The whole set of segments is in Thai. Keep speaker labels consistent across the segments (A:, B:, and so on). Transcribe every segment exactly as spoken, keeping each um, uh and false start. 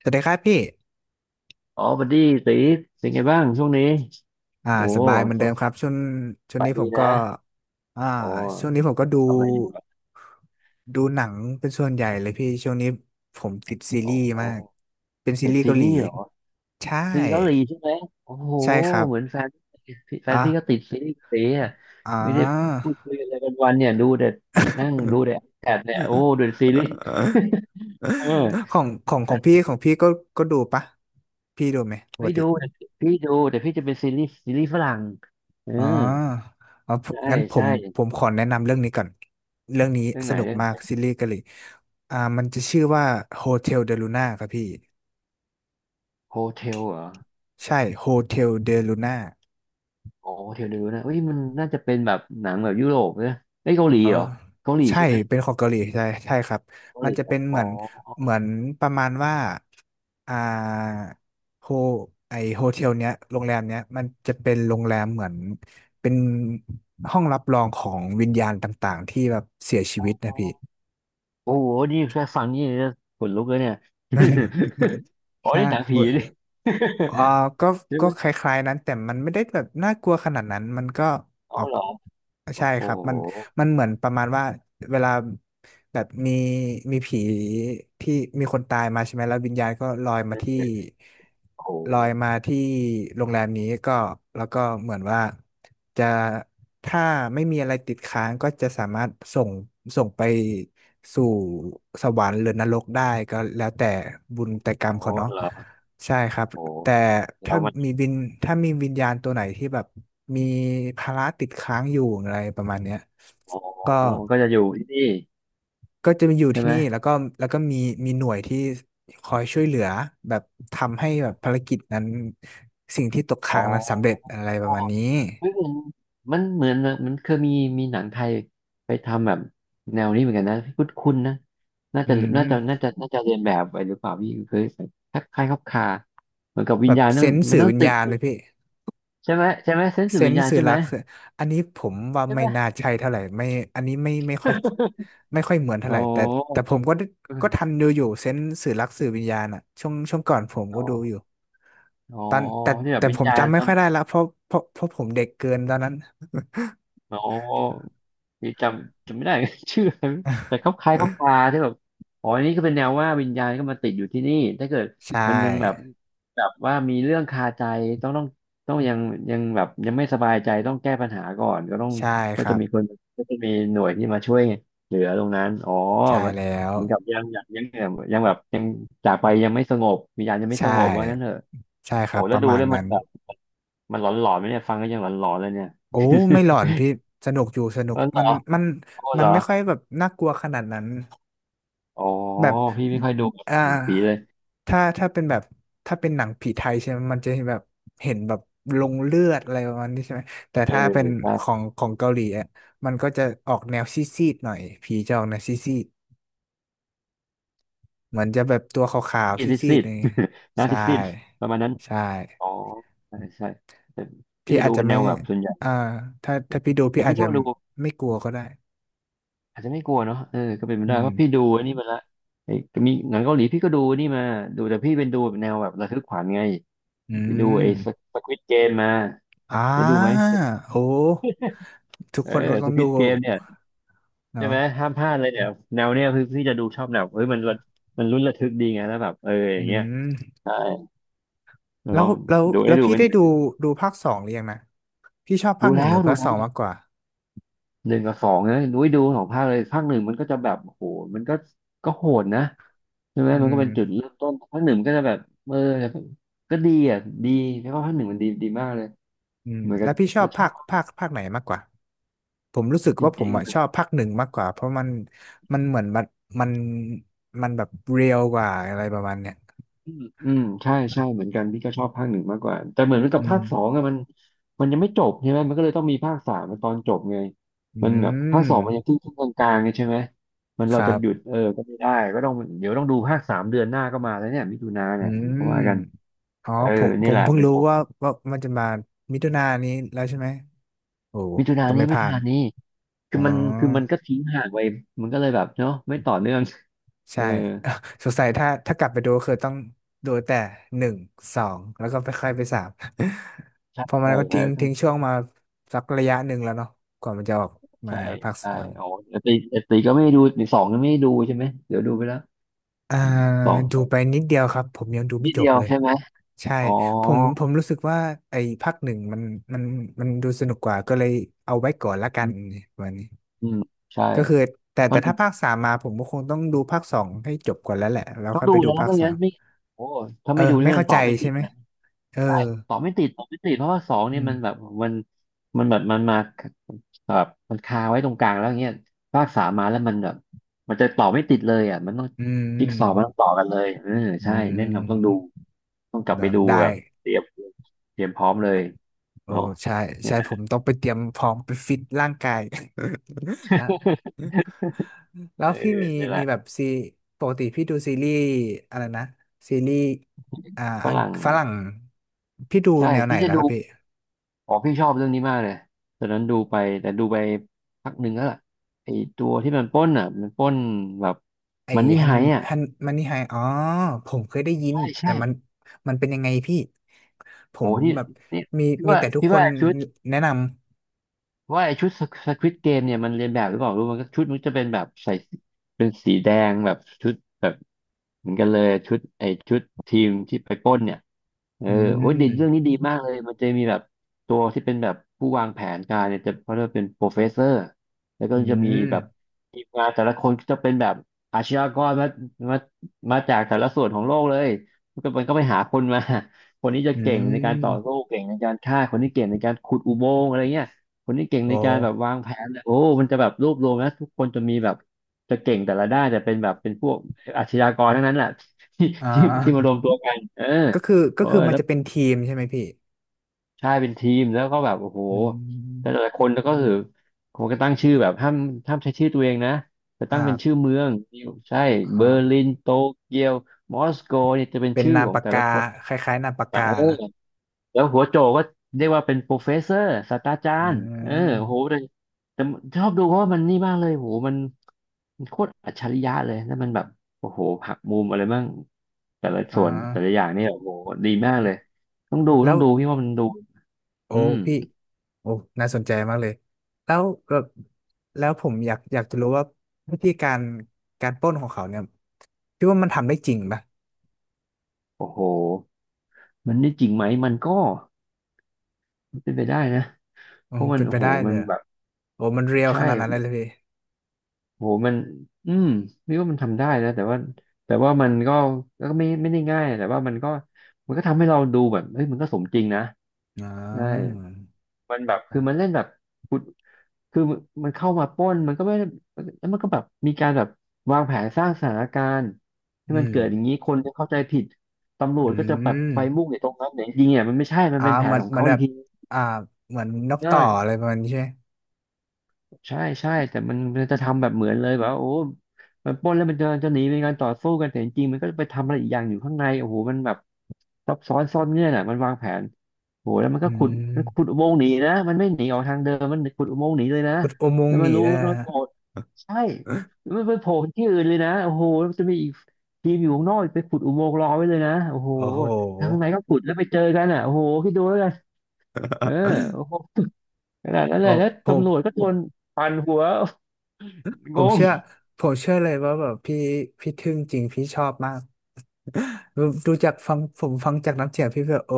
A: สวัสดีครับพี่
B: อ๋อบัดดี้ตีเป็นไงบ้างช่วงนี้
A: อ่า
B: โอ้
A: สบายเหมือน
B: ส
A: เดิมครับช่วงช่วง
B: บาย
A: นี้ผ
B: ดี
A: มก็
B: นะ
A: อ่า
B: อ๋
A: ช่วงนี้ผ
B: อ
A: มก็ดู
B: ทำอะไรอยู่อะ
A: ดูหนังเป็นส่วนใหญ่เลยพี่ช่วงนี้ผมติดซี
B: อ๋
A: รีส์
B: อ
A: มาก เป็นซี
B: ติด
A: รีส์
B: ซี
A: เกาห
B: รี
A: ลี
B: ส์เหรอ
A: ใช่
B: ซีรีส์เกาหลีใช่ไหมโอ้โห
A: ใช่ครับ
B: เหมือนแฟนพี่แฟน
A: อ่ะ
B: พี่ก็ติดซีรีส์เต๋อะ
A: อ่
B: ไม่ได้
A: า
B: พูดคุยอะไรกันวันเนี่ยดูแต่นั่งดูแต่แอดเนี่ยโอ้ดูแต่ซีรีส์เออ
A: ของของของพี่ของพี่ก็ก็ดูปะพี่ดูไหมปก
B: พี่
A: ติ
B: ดูแต่พี่ดูแต่พี่จะเป็นซีรีส์ซีรีส์ฝรั่งเออ
A: อ๋อเอา
B: ใช่
A: งั้นผ
B: ใช่
A: มผมขอแนะนำเรื่องนี้ก่อนเรื่องนี้
B: เรื่อง
A: ส
B: ไหน
A: นุก
B: เรื่อ
A: มาก
B: ง
A: ซีรีส์เกาหลีอ่ามันจะชื่อว่า Hotel de Luna ครับพี่
B: โฮเทลเหรอ
A: ใช่ Hotel de Luna
B: โอ้เทลนิวนะเอ้ยมันน่าจะเป็นแบบหนังแบบยุโรปเนะไอ้ยเกาหลี
A: เออ
B: เหรอเกาหลี
A: ใช่
B: ใช่ไหม
A: เป็นของเกาหลีใช่ใช่ครับ
B: เกา
A: มั
B: ห
A: น
B: ลี
A: จะ
B: ครั
A: เป็
B: บ
A: นเห
B: อ๋
A: มื
B: อ
A: อนเหมือนประมาณว่า อ่าโฮไอโฮเทลเนี้ยโรงแรมเนี้ยมันจะเป็นโรงแรมเหมือนเป็นห้องรับรองของวิญญาณต่างๆที่แบบเสียชีวิต
B: อ๋
A: นะพี่
B: อโอ้โหนี่แค่ฟังนี่จะขนลุกเลยเนี่ย อ๋อ
A: ใช่
B: นี่หนัง
A: โอ้
B: ผี
A: ย
B: นี่
A: อ่าก็
B: ใช่
A: ก็
B: ไหม
A: คล้ายๆนั้นแต่มันไม่ได้แบบน่ากลัวขนาดนั้น มันก็อ
B: เอา
A: อก
B: เหรอโอ้
A: ใช่
B: โห
A: ครับ มันมันเหมือนประมาณว่าเวลาแบบมีมีผีที่มีคนตายมาใช่ไหม แล้ววิญญาณก็ลอย
B: เ
A: มาที่
B: ออโอ้โห
A: ลอยมาที่โรงแรมนี้ก็แล้วก็เหมือนว่าจะถ้าไม่มีอะไรติดค้างก็จะสามารถส่งส่งไปสู่สวรรค์หรือนรกได้ก็แล้วแต่บุญแต่กรรม
B: โอ้
A: เขาเนาะ
B: เหรอ
A: ใช่ครับ
B: โอ้โห
A: แต่
B: แล้
A: ถ้า
B: วมัน
A: มีวิญถ้ามีวิญญาณตัวไหนที่แบบมีภาระติดค้างอยู่อะไรประมาณเนี้ย
B: อ๋อ
A: ก็
B: ก็จะอยู่ที่นี่
A: ก็จะมาอยู่
B: ใช่
A: ที่
B: ไหม
A: นี่แล้วก็แล้วก็มีมีหน่วยที่คอยช่วยเหลือแบบทำให้แบบภารกิจนั้นสิ่งที่ตก
B: อ๋อ
A: ค้างนั้นสำเร็จอะไรประมาณนี้
B: ไม่เหมือนมันเหมือนแบบมันเคยมีมีหนังไทยไปทำแบบแนวนี้เหมือนกันนะคุ้นคุ้นนะน่า
A: อื
B: จะน่าจะน่า
A: ม
B: จะน่าจะเรียนแบบไปหรือเปล่าพี่เคยทักคล้ายๆคลับคาเหมือนกับวิ
A: แบ
B: ญ
A: บ
B: ญาณ
A: เซ
B: ต้อง
A: นส์
B: มั
A: สื่
B: น
A: อ
B: ต้อง
A: วิญ
B: ติ
A: ญา
B: ด
A: ณเลยพี่
B: ใช่ไหมใช่ไหมเซน
A: เซ
B: ส์วิ
A: น
B: ญ
A: ส์
B: ญาณ
A: สื่อ
B: ใช่
A: รั
B: ไหม
A: กคืออันนี้ผมว่า
B: ใช่
A: ไม่
B: ไหม
A: น่าใช่เท่าไหร่ไม่อันนี้ไม่ไม่ค่อย ไม่ค่อยเหมือนเท่า
B: อ๋อ
A: ไหร่แต่แต่ผมก็ก็ทันดูอยู่เซนส์สื่อรักสื่อวิญญาณอะช่วงช่วงก่อนผม
B: อ๋
A: ก็
B: อ
A: ดูอยู่
B: อ๋อ
A: ตอนแต่
B: ที่แบบ
A: แต่
B: วิ
A: ผ
B: ญ
A: ม
B: ญาณ
A: จำไม่
B: มั
A: ค่
B: น
A: อยได้ละเพราะเพราะเพราะผมเด็กเกินตอนนั้น
B: อ๋อนี่จำจำไม่ได้ ชื่ออะไรแต่เขาคล้ายเขาปลาที่แบบอ๋ออันนี้ก็เป็นแนวว่าวิญญาณก็มาติดอยู่ที่นี่ถ้าเกิด
A: ใช
B: มันยังแบบ
A: ่
B: แบบว่ามีเรื่องคาใจต้องต้องต้องยังยังแบบยังไม่สบายใจต้องแก้ปัญหาก่อนก็ต้อง
A: ใช่ค
B: ก็
A: รั
B: จะ
A: บ
B: มีคนก็จะมีหน่วยที่มาช่วยเหลือตรงนั้น อ๋อ
A: ใช่
B: มัน
A: แล้ว
B: เหมือนกับยังยังยังยังแบบยังจากไปยังไม่สงบวิญญาณยังไม่
A: ใช
B: สงบว่างั้นเถ
A: ่
B: อะ
A: ใช่ค
B: โอ้
A: รับป
B: แล้ว
A: ระ
B: ดู
A: มาณ
B: แล้วมั
A: นั้
B: น
A: น
B: แบบมันหลอนๆไหมเนี่ยฟังก็ยังหลอนๆเลยเนี่ย
A: โอ้ไม่หลอนพี่สนุกอยู่สนุ
B: ห
A: ก
B: ล
A: มั
B: อ
A: น
B: น
A: มัน
B: ๆ โอ้
A: มั
B: เหร
A: น
B: อ
A: ไม่ค่อยแบบน่ากลัวขนาดนั้น
B: อ๋อ
A: แบบ
B: พี่ไม่ค่อยดู
A: อ่า
B: หนังผีเลย
A: ถ้าถ้าเป็นแบบถ้าเป็นหนังผีไทยใช่ไหมมันจะแบบเห็นแบบลงเลือดอะไรประมาณนี้ใช่ไหมแต่
B: เออ
A: ถ้าเป็น
B: ใช่
A: ของของเกาหลีอ่ะมันก็จะออกแนวซีดๆหน่อยผีจะออกแนวซีดๆเหมือนจะแบบตัวขาวๆ
B: พี่
A: ซ
B: ซิด
A: ี
B: ซิ
A: ดๆอะ
B: ด
A: ไรเงี้ย
B: หนา
A: ใช่
B: ซิดซิด ประมาณนั้น
A: ใช่
B: อ๋อใช่ใช่พี่
A: พี่
B: จะ
A: อา
B: ดู
A: จจะ
B: เป็นแน
A: ไม่
B: วแบบส่วนใหญ่
A: อ่าถ้าถ้าพี่ดู
B: แต่
A: พี่อา
B: พี่
A: จ
B: ช
A: จะ
B: อบดู
A: ไม่กลัวก็ได้
B: อาจจะไม่กลัวเนาะเออก็เป็นไป
A: อื
B: ได้
A: ม
B: เพราะพี่ดูอันนี้มาละไอ้มีหนังเกาหลีพี่ก็ดูนี่มาดูแต่พี่เป็นดูแบบแนวแบบระทึกขวัญไง
A: อื
B: ไปดูไอ้
A: ม
B: สควิดเกมมา
A: อ่
B: ได้ดูไหม
A: าโอ้ทุก
B: เออ
A: คนก็ต้อ
B: ส
A: ง
B: ควิ
A: ดู
B: ดเกมเนี่ยใช่
A: เนาะ
B: ไหมห้ามพลาดเลยเนี่ยแนวเนี้ยคือพี่จะดูชอบแบบเอ้ยมันระมันลุ้นระทึกดีไงแล้วแบบเอออ
A: อื
B: ย่างเงี้ย
A: ม
B: ใช่
A: แล้ว
B: เนาะ
A: แล้ว
B: ดู
A: แล้
B: ไอ้
A: ว
B: ดู
A: พี่
B: มัน
A: ได้ดูดูภาคสองหรือยังนะพี่ชอบภา
B: ดู
A: คหนึ่ง
B: แล้
A: ห
B: ว
A: รือ
B: ดู
A: ภาค
B: แล้
A: ส
B: ว
A: องมากกว่า
B: หนึ่งกับสองนะนุ้ยดูสองภาคเลยภาคหนึ่งมันก็จะแบบโอ้โหมันก็ก็โหดนะใช่ไหม
A: อื
B: มันก็
A: ม
B: เป็นจุดเริ่มต้นภาคหนึ่งมันก็จะแบบเออก็ดีอ่ะดีแล้วก็ภาคหนึ่งมันดีดีมากเลย
A: อืม
B: เหมือนกั
A: แล้
B: บ
A: วพี่ชอ
B: จะ
A: บ
B: ชอ
A: ภา
B: บ
A: คภาคภาคไหนมากกว่าผมรู้สึก
B: จ
A: ว่าผม
B: ริงๆ
A: อะชอบภาคหนึ่งมากกว่าเพราะมันมันเหมือนมันมันมันแบบเรียลกว่าอะไรประมาณเนี้ย
B: อืมอืมใช่ใช่เหมือนกันพี่ก็ชอบภาคหนึ่งมากกว่าแต่เหมือนกั
A: อื
B: บ
A: ม
B: ภาคสองอะมันมันยังไม่จบใช่ไหมมันก็เลยต้องมีภาคสามตอนจบไง
A: อื
B: มันแบบภาคสองมันยังค
A: ม
B: รึ่งคกลางๆไงใช่ไหมมัน
A: ค
B: เรา
A: รั
B: จะหยุด
A: บ
B: เออก็ไม่ได้ก็ต้องเดี๋ยวต้องดูภาคสามเดือนหน้าก็มาแล้วเนี่ยมิถุนา
A: อื
B: เนี่ยก็
A: ม
B: ว่ากัน
A: อ๋อ
B: เออ
A: ผม
B: นี่
A: ผ
B: แห
A: ม
B: ละ
A: เพิ่งรู้
B: ้
A: ว่าว่ามันจะมามิถุนายนนี้แล้วใช่ไหมโอ้
B: มิถุนา
A: ต้อง
B: นี้
A: ไม่พ
B: มิ
A: ลา
B: ถุ
A: ด
B: นานี้
A: อ๋
B: คื
A: อ
B: อมันคือมันก็ทิ้งห่างไปมันก็เลยแบบเนาะไม่ต่อเนื่องเอ
A: ใช่
B: อ
A: สงสัยถ้าถ้ากลับไปดูคือต้องดูแต่หนึ่งสองแล้วก็ไปค่อยไปสาม
B: ใช่
A: เพอมั
B: ใช่
A: นก็ทิ้งทิ้ง
B: ใช่
A: ช่วงมาสักระยะหนึ่งแล้วเนาะกว่ามันจะออกมา
B: ใช่
A: ภาค
B: ใช่
A: สาม
B: อ๋อแต่ตีแต่ตีก็ไม่ได้ดูสองก็ไม่ได้ดูใช่ไหมเดี๋ยวดูไปแล้ว
A: อ่า
B: สอ
A: ดูไป
B: ง
A: นิดเดียวครับผมยังดูไม่
B: นิด
A: จ
B: เดี
A: บ
B: ยว
A: เลย
B: ใช่ไหม
A: ใช่
B: อ๋อ
A: ผมผมรู้สึกว่าไอ้ภาคหนึ่งมันมันมันดูสนุกกว่าก็เลยเอาไว้ก่อนละกั
B: อื
A: น
B: ม
A: วันนี้
B: อืมใช่
A: ก็คือแต่
B: เพ
A: แต่
B: ราะหนึ่
A: ถ้า
B: ง
A: ภาคสามมาผมก็คงต้องดูภาคสองให้จบก่อนแล้วแหละแล้ว
B: ต้อง
A: ค่อย
B: ดู
A: ไปดู
B: นะ
A: ภาค
B: ไม่
A: สา
B: งั้น
A: ม
B: ไม่โอ้ถ้า
A: เออ
B: ไม่ดูนี่
A: ไม่
B: มั
A: เข้า
B: นต
A: ใจ
B: อบไม่ติ
A: ใช่
B: ด
A: ไหม
B: นะ
A: เออ
B: ใช่ตอบไม่ติดตอบไม่ติดเพราะว่าสอง
A: อื
B: เนี่ย
A: ม
B: มันแบบมันมันแบบมันมาแบบมันคาไว้ตรงกลางแล้วเงี้ยภาคสามมาแล้วมันแบบมันจะต่อไม่ติดเลยอ่ะมันต้อง
A: อืมอื
B: จิ๊ก
A: ม
B: ซอว์มันต้องต่อกันเลยเออ
A: อื
B: ใช่แนะนำต้องดู
A: ม
B: ต้องกลับ
A: เน
B: ไป
A: อะ
B: ดู
A: ได้
B: แบบเตรียมเตรียมพร้อมเลย
A: โอ้
B: เนาะ
A: ใช่
B: เนี่ย
A: ใช่
B: แหละ
A: ผมต้องไปเตรียมพร้อมไปฟิตร่างกาย แล้วแล้
B: เอ
A: ว
B: อ
A: พี่มี
B: เนี่ยแห
A: มี
B: ละ
A: แบบซีปกติพี่ดูซีรีส์อะไรนะซีรีส์อ่า
B: ฝ
A: อัง
B: รั่ง
A: ฝรั่งพี่ดู
B: ใช่
A: แนวไหน
B: พี่จะ
A: แล้ว
B: ดู
A: ครับพี่
B: อ๋อพี่ชอบเรื่องนี้มากเลยตอนนั้นดูไปแต่ดูไปพักหนึ่งแล้วล่ะไอตัวที่มันปล้นอ่ะมันปล้นแบบ
A: ไอ้
B: มันนี่
A: ฮั
B: ไฮ
A: น
B: อ่ะ
A: ฮันมันนี่ไฮอ๋อผมเคยได้ยิน
B: ใช่
A: แต่
B: ใช่
A: มันมันเป็นยังไงพี่ผ
B: โห
A: ม
B: ที่
A: แบบ
B: นี่
A: มี
B: พี่
A: มี
B: ว่า
A: แต่ทุก
B: พี่
A: คน
B: ว่าชุด
A: แนะนำ
B: ว่าไอชุดสควิดเกมเนี่ยมันเรียนแบบหรือเปล่ารู้มันก็ชุดมันจะเป็นแบบใส่ เป็นสีแดงแบบชุดแบบเหมือนกันเลยชุดไอชุดทีมที่ไปปล้นเนี่ยเออ
A: อื
B: โอ้ยดี
A: ม
B: เรื่องนี้ดีมากเลยมันจะมีแบบตัวที่เป็นแบบผู้วางแผนการเนี่ยจะเขาเรียกว่าเป็นโปรเฟสเซอร์แล้วก็
A: อื
B: จะมี
A: ม
B: แบบทีมงานแต่ละคนก็จะเป็นแบบอาชญากรมามามาจากแต่ละส่วนของโลกเลยมันก็มันก็ไปหาคนมาคนนี้จะ
A: อื
B: เก่งในการต่อสู้
A: ม
B: เก่งในการฆ่าคนนี้เก่งในการขุดอุโมงค์อะไรเงี้ยคนนี้เก่ง
A: โอ้
B: ในการแบบวางแผนเลยโอ้มันจะแบบรวบรวมนะทุกคนจะมีแบบ จะเก่งแต่ละด้านแต่เป็นแบบเป็นพวกอาชญากรทั้งนั้นแหละ ที่
A: อ่
B: ที่ที่มาร
A: า
B: วมตัวกันเออ
A: ก็คือก็
B: เออ
A: คือมัน
B: แล้ว
A: จะเป็นทีมใช่ไหมพี่
B: ใช่เป็นทีมแล้วก็แบบโอ้โห
A: อืม
B: แต่ละคนแล้วก็คือผมก็ตั้งชื่อแบบห้ามห้ามใช้ชื่อตัวเองนะจะ
A: ค
B: ตั้ง
A: รั
B: เป็นชื่อ
A: บ
B: เมืองใช่เบ
A: อ๋อ
B: อร์ลินโตเกียวมอสโกเนี่ยจะเป็น
A: เป็น
B: ชื่อ
A: นาม
B: ของ
A: ปาก
B: แต่
A: กา
B: ละคน
A: คล้ายๆนามปาก
B: เอ
A: กา
B: อ
A: นะ
B: แล้วหัวโจก็เรียกว่าเป็นโปรเฟสเซอร์ศาสตราจา
A: อื
B: รย์เออโห
A: ม
B: แต่แต่ชอบดูเพราะว่ามันนี่มากเลยโหมันมันโคตรอัจฉริยะเลยแล้วมันแบบโอ้โหหักมุมอะไรบ้างแต่ละ
A: อ๋อ
B: ส่วนแต่ละอย่างนี่โอ้โหดีมากเลยต้องดูต้
A: แล้
B: อ
A: ว
B: งดูพี่ว่ามันดู
A: โอ้
B: อื
A: พี่
B: ม
A: โอ้น่าสนใจมากเลย แล้วแบบแล้วผมอยากอยากจะรู้ว่าวิธีการการปล้นของเขาเนี่ยพี่ว่ามันทำได้จริงปะ
B: โอ้โหมันนี่จริงไหมมันก็เป็นไปได้นะ
A: อื
B: เพ
A: ม
B: ราะมัน
A: เป็นไป
B: โอ้โห
A: ได้เล
B: มัน
A: ยอะ
B: แบบ
A: โอ้มันเรียล
B: ใช่
A: ขนาดนั้นเลยเลยพี่
B: โหมันอืมพี่ว่ามันทำได้นะแต่ว่าแต่ว่ามันก็ก็ไม่ไม่ได้ง่ายแต่ว่ามันก็มันก็ทำให้เราดูแบบเฮ้ยมันก็สมจริงนะ
A: อ่
B: ใช่
A: า
B: มันแบบ
A: อ๋อ
B: คือมันเล่นแบบกุดคือมันเข้ามาปล้นมันก็ไม่ได้แล้วมันก็แบบมีการแบบวางแผนสร้างสถานการณ์ให้
A: อื
B: มัน
A: ม
B: เกิดอย่างนี้คนจะเข้าใจผิดตำรวจ
A: อื
B: ก็จะแบบ
A: ม
B: ไปมุ่งในตรงนั้นแต่จริงๆเนี่ยมันไม่ใช่มัน
A: อ่า
B: เป็นแผ
A: เห
B: น
A: มือน
B: ของ
A: เหมือ
B: เขา
A: นแบ
B: อีก
A: บ
B: ที
A: อ่าเหมือนนก
B: เอ
A: ต่อ
B: อ
A: อะไรประมาณนี้ใช่ไหม
B: ใช่ใช่แต่มันมันจะทำแบบเหมือนเลยแบบว่าโอ้มันปล้นแล้วมันจะจะหนีเป็นการต่อสู้กันแต่จริงๆมันก็ไปทำอะไรอีกอย่างอยู่ข้างในโอ้โหมันแบบซับซ้อนซ่อนเงื่อนอ่ะมันวางแผนโอ้โหแล้วมัน
A: อื
B: ก็ขุดมันขุด
A: ม
B: อุโมงค์หนีนะมันไม่หนีออกทางเดิมมันขุดอุโมงค์หนีเลยนะ
A: ขุดอุโมง
B: แล้
A: ค์
B: ว
A: ห
B: มัน
A: นี
B: รู้
A: ได้
B: ว่า
A: นะ
B: มัน
A: ฮะ
B: โผล่ใช่แล้วมันไปโผล่ที่อื่นเลยนะโอ้โหแล้วมันจะมีอีกทีมอยู่ข้างนอกไปขุดอุโมงค์รอไว้เลยนะโอ้โห
A: โอ้โห
B: ทางไหนก็ขุดแล้วไปเจอกันอ่ะโอ้โหคิดดูแล้วกันเออโอ้โหขนาดนั้นเล
A: โอ้
B: ยแล้ว
A: ผม
B: ตำรวจก็
A: ผ
B: โด
A: ม
B: นปั่นหัว
A: ผ
B: ง
A: ม
B: ง
A: เชื่อผมเชื่อเลยว่าแบบพี่พี่ทึ่งจริงพี่ชอบมากดูดูจากฟังผมฟังจากน้ำเสียงพี่แบบโอ้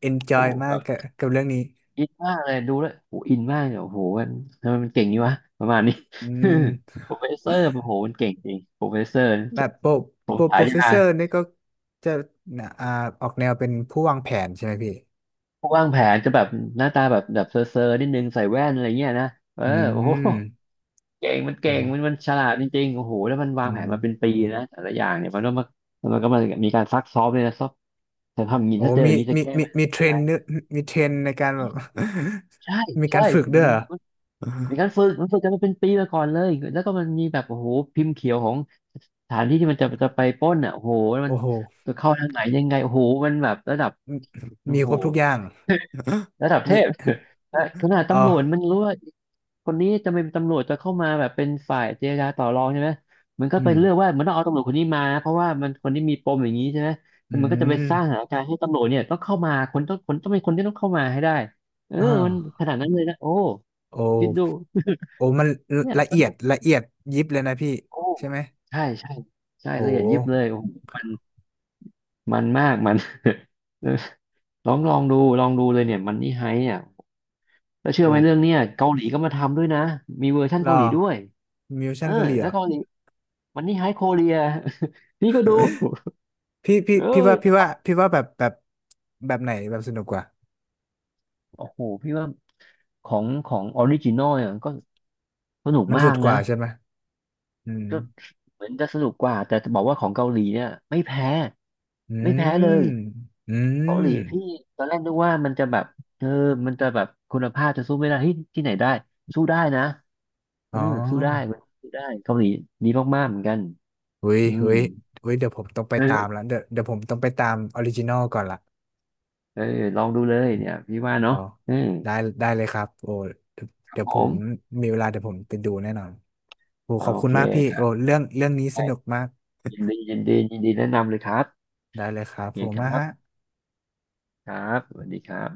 A: เอนจอ
B: โอ้
A: ยมา
B: แบ
A: ก
B: บ
A: กับกับเรื่องนี้
B: อินมากเลยดูแล้วโอ้อินมากเลยโอ้โหมันทำไมมันเก่งยนี่วะประมาณนี้
A: อืม
B: โปรเฟสเซอร์โอ้โหมันเก่งจริงโปรเฟสเซอร์
A: แบบโปร
B: ผ
A: โป
B: ม
A: ร
B: ฉา
A: โปรเฟส
B: ยา
A: เซอร์นี่ก็จะอ่าออกแนวเป็นผู้วางแผนใช่ไหมพี่
B: ผู้วางแผนจะแบบหน้าตาแบบแบบเซอร์เซอร์นิดนึงใส่แว่นอะไรเงี้ยนะเออ
A: อื
B: โอ้
A: ม
B: โหเก่งมัน
A: โอ้
B: เก่งมันมันฉลาดจริงๆโอ้โหแล้วมันวา
A: อื
B: งแผ
A: ม
B: นมาเป็นปีนะแต่ละอย่างเนี่ยมันก็มามันก็มามีการซักซ้อมเลยนะซักแต่ทำอย่างนี้
A: โอ้
B: ถ้าเจออ
A: มี
B: ย่างนี้จะ
A: มี
B: แก้
A: มี
B: ปัญ
A: มีเทร
B: หา
A: นเนอร์มีเทรนในการแบบ
B: ใช่
A: มีกา
B: ใช่
A: รฝึกด้วยเหรอ
B: มีการฝึกมันฝึกกันมาเป็นปีมาก่อนเลยแล้วก็มันมีแบบโอ้โหพิมพ์เขียวของ สถานที่ที่มันจะจะไปปล้นอ่ะโอ้โหมัน
A: โอ้โห
B: จะเข้าทางไหนยังไงโอ้โหมันแบบระดับ
A: มี
B: โอ้
A: มี
B: โห
A: ครบทุกอย่าง
B: ระดับเท
A: มี
B: พ และขนาด
A: อ๋อ
B: ตำรวจมันรู้ว่าคนนี้จะเป็นตำรวจจะเข้ามาแบบเป็นฝ่ายเจรจาต่อรองใช่ไหมมันก็
A: อื
B: ไป
A: ม
B: เลือกว่ามันต้องเอาตำรวจคนนี้มาเพราะว่ามันคนนี้มีปมอย่างนี้ใช่ไหม
A: อื
B: แล้วมันก็จะไปสร้างสถา
A: ม
B: นการณ์ให้ตำรวจเนี่ยต้องเข้ามาคนต้องคนต้องเป็นคนที่ต้องเข้ามาให้ได้เออ
A: อ่
B: มัน
A: า
B: ขนาดนั้นเลยนะโอ้
A: โอ
B: คิดดู
A: ้โอ้มัน
B: เนี่ย
A: ละ
B: ส
A: เอีย
B: นุ
A: ด
B: ก
A: ละเอียดยิบเลยนะพี่
B: โอ้
A: ใช่ไหม
B: ใช่ใช่ใช่
A: โอ้
B: ละเอียดยิบเลยโอ้โหมันมันมากมัน เออ ลองลองดูลองดูเลยเนี่ยมันนี่ไฮเนี่ยแล้วเชื่อ
A: โอ้
B: ไหมเรื่องเนี่ยเกาหลีก็มาทำด้วยนะมีเวอร์ชั่น
A: รอ
B: เกาหลีด้วย
A: มิว
B: เอ
A: ชั่น
B: อ
A: เกาหลีเห
B: แล้
A: ร
B: ว
A: อ
B: เกาหลีมันนี่ไฮโคเรีย พี่ก็ดู
A: พี่พี่
B: เอ
A: พี่ว่าพี่
B: อ
A: ว่าพี่ว่าแบบแบบแบบไหนแบบสนุกกว่า
B: โอ้โหพี่ว่าของของออริจินอลเนี่ยมันก็สนุก
A: มัน
B: มา
A: สุด
B: ก
A: กว่า
B: นะ
A: ใช่ไหมอืม
B: ก็เหมือนจะสนุกกว่าแต่จะบอกว่าของเกาหลีเนี่ยไม่แพ้
A: อื
B: ไม่แพ้เล
A: ม
B: ย
A: อื
B: เกาห
A: ม
B: ลีพี่ตอนแรกนึกว่ามันจะแบบเออมันจะแบบคุณภาพจะสู้ไม่ได้เฮ้ยที่ไหนได้สู้ได้นะ เอ
A: อ๋
B: อสู้ได้
A: อ
B: เว้ยสู้ได้เกาหลีดีมากๆเหมือนกัน
A: เว้ย
B: อืม
A: เว้ยเว้ยเดี๋ยวผมต้องไปตาม
B: เออ
A: ละเดี๋ยวเดี๋ยวผมต้องไปตามออริจินอลก่อนละ
B: เออลองดูเลยเนี่ยพี่ว่า
A: อ๋อ
B: เนาะอืม
A: ได้ได้เลยครับโอ้เดี๋ยว
B: ครับ
A: เดี๋ยว
B: ผ
A: ผม
B: ม
A: มีเวลาเดี๋ยวผมไปดูแน่นอนโอ้
B: อ่า
A: ขอบ
B: โอ
A: คุณ
B: เค
A: มากพี่
B: ครั
A: โอ้
B: บ
A: เรื่องเรื่องนี้สนุกมาก
B: ยินดียินดียินดีแนะนำเลยครับ
A: ได้เลยครั
B: โอ
A: บ
B: เค
A: ขอบคุ
B: ค
A: ณมาก
B: รับ
A: ฮะ
B: ครับสวัสดีครับ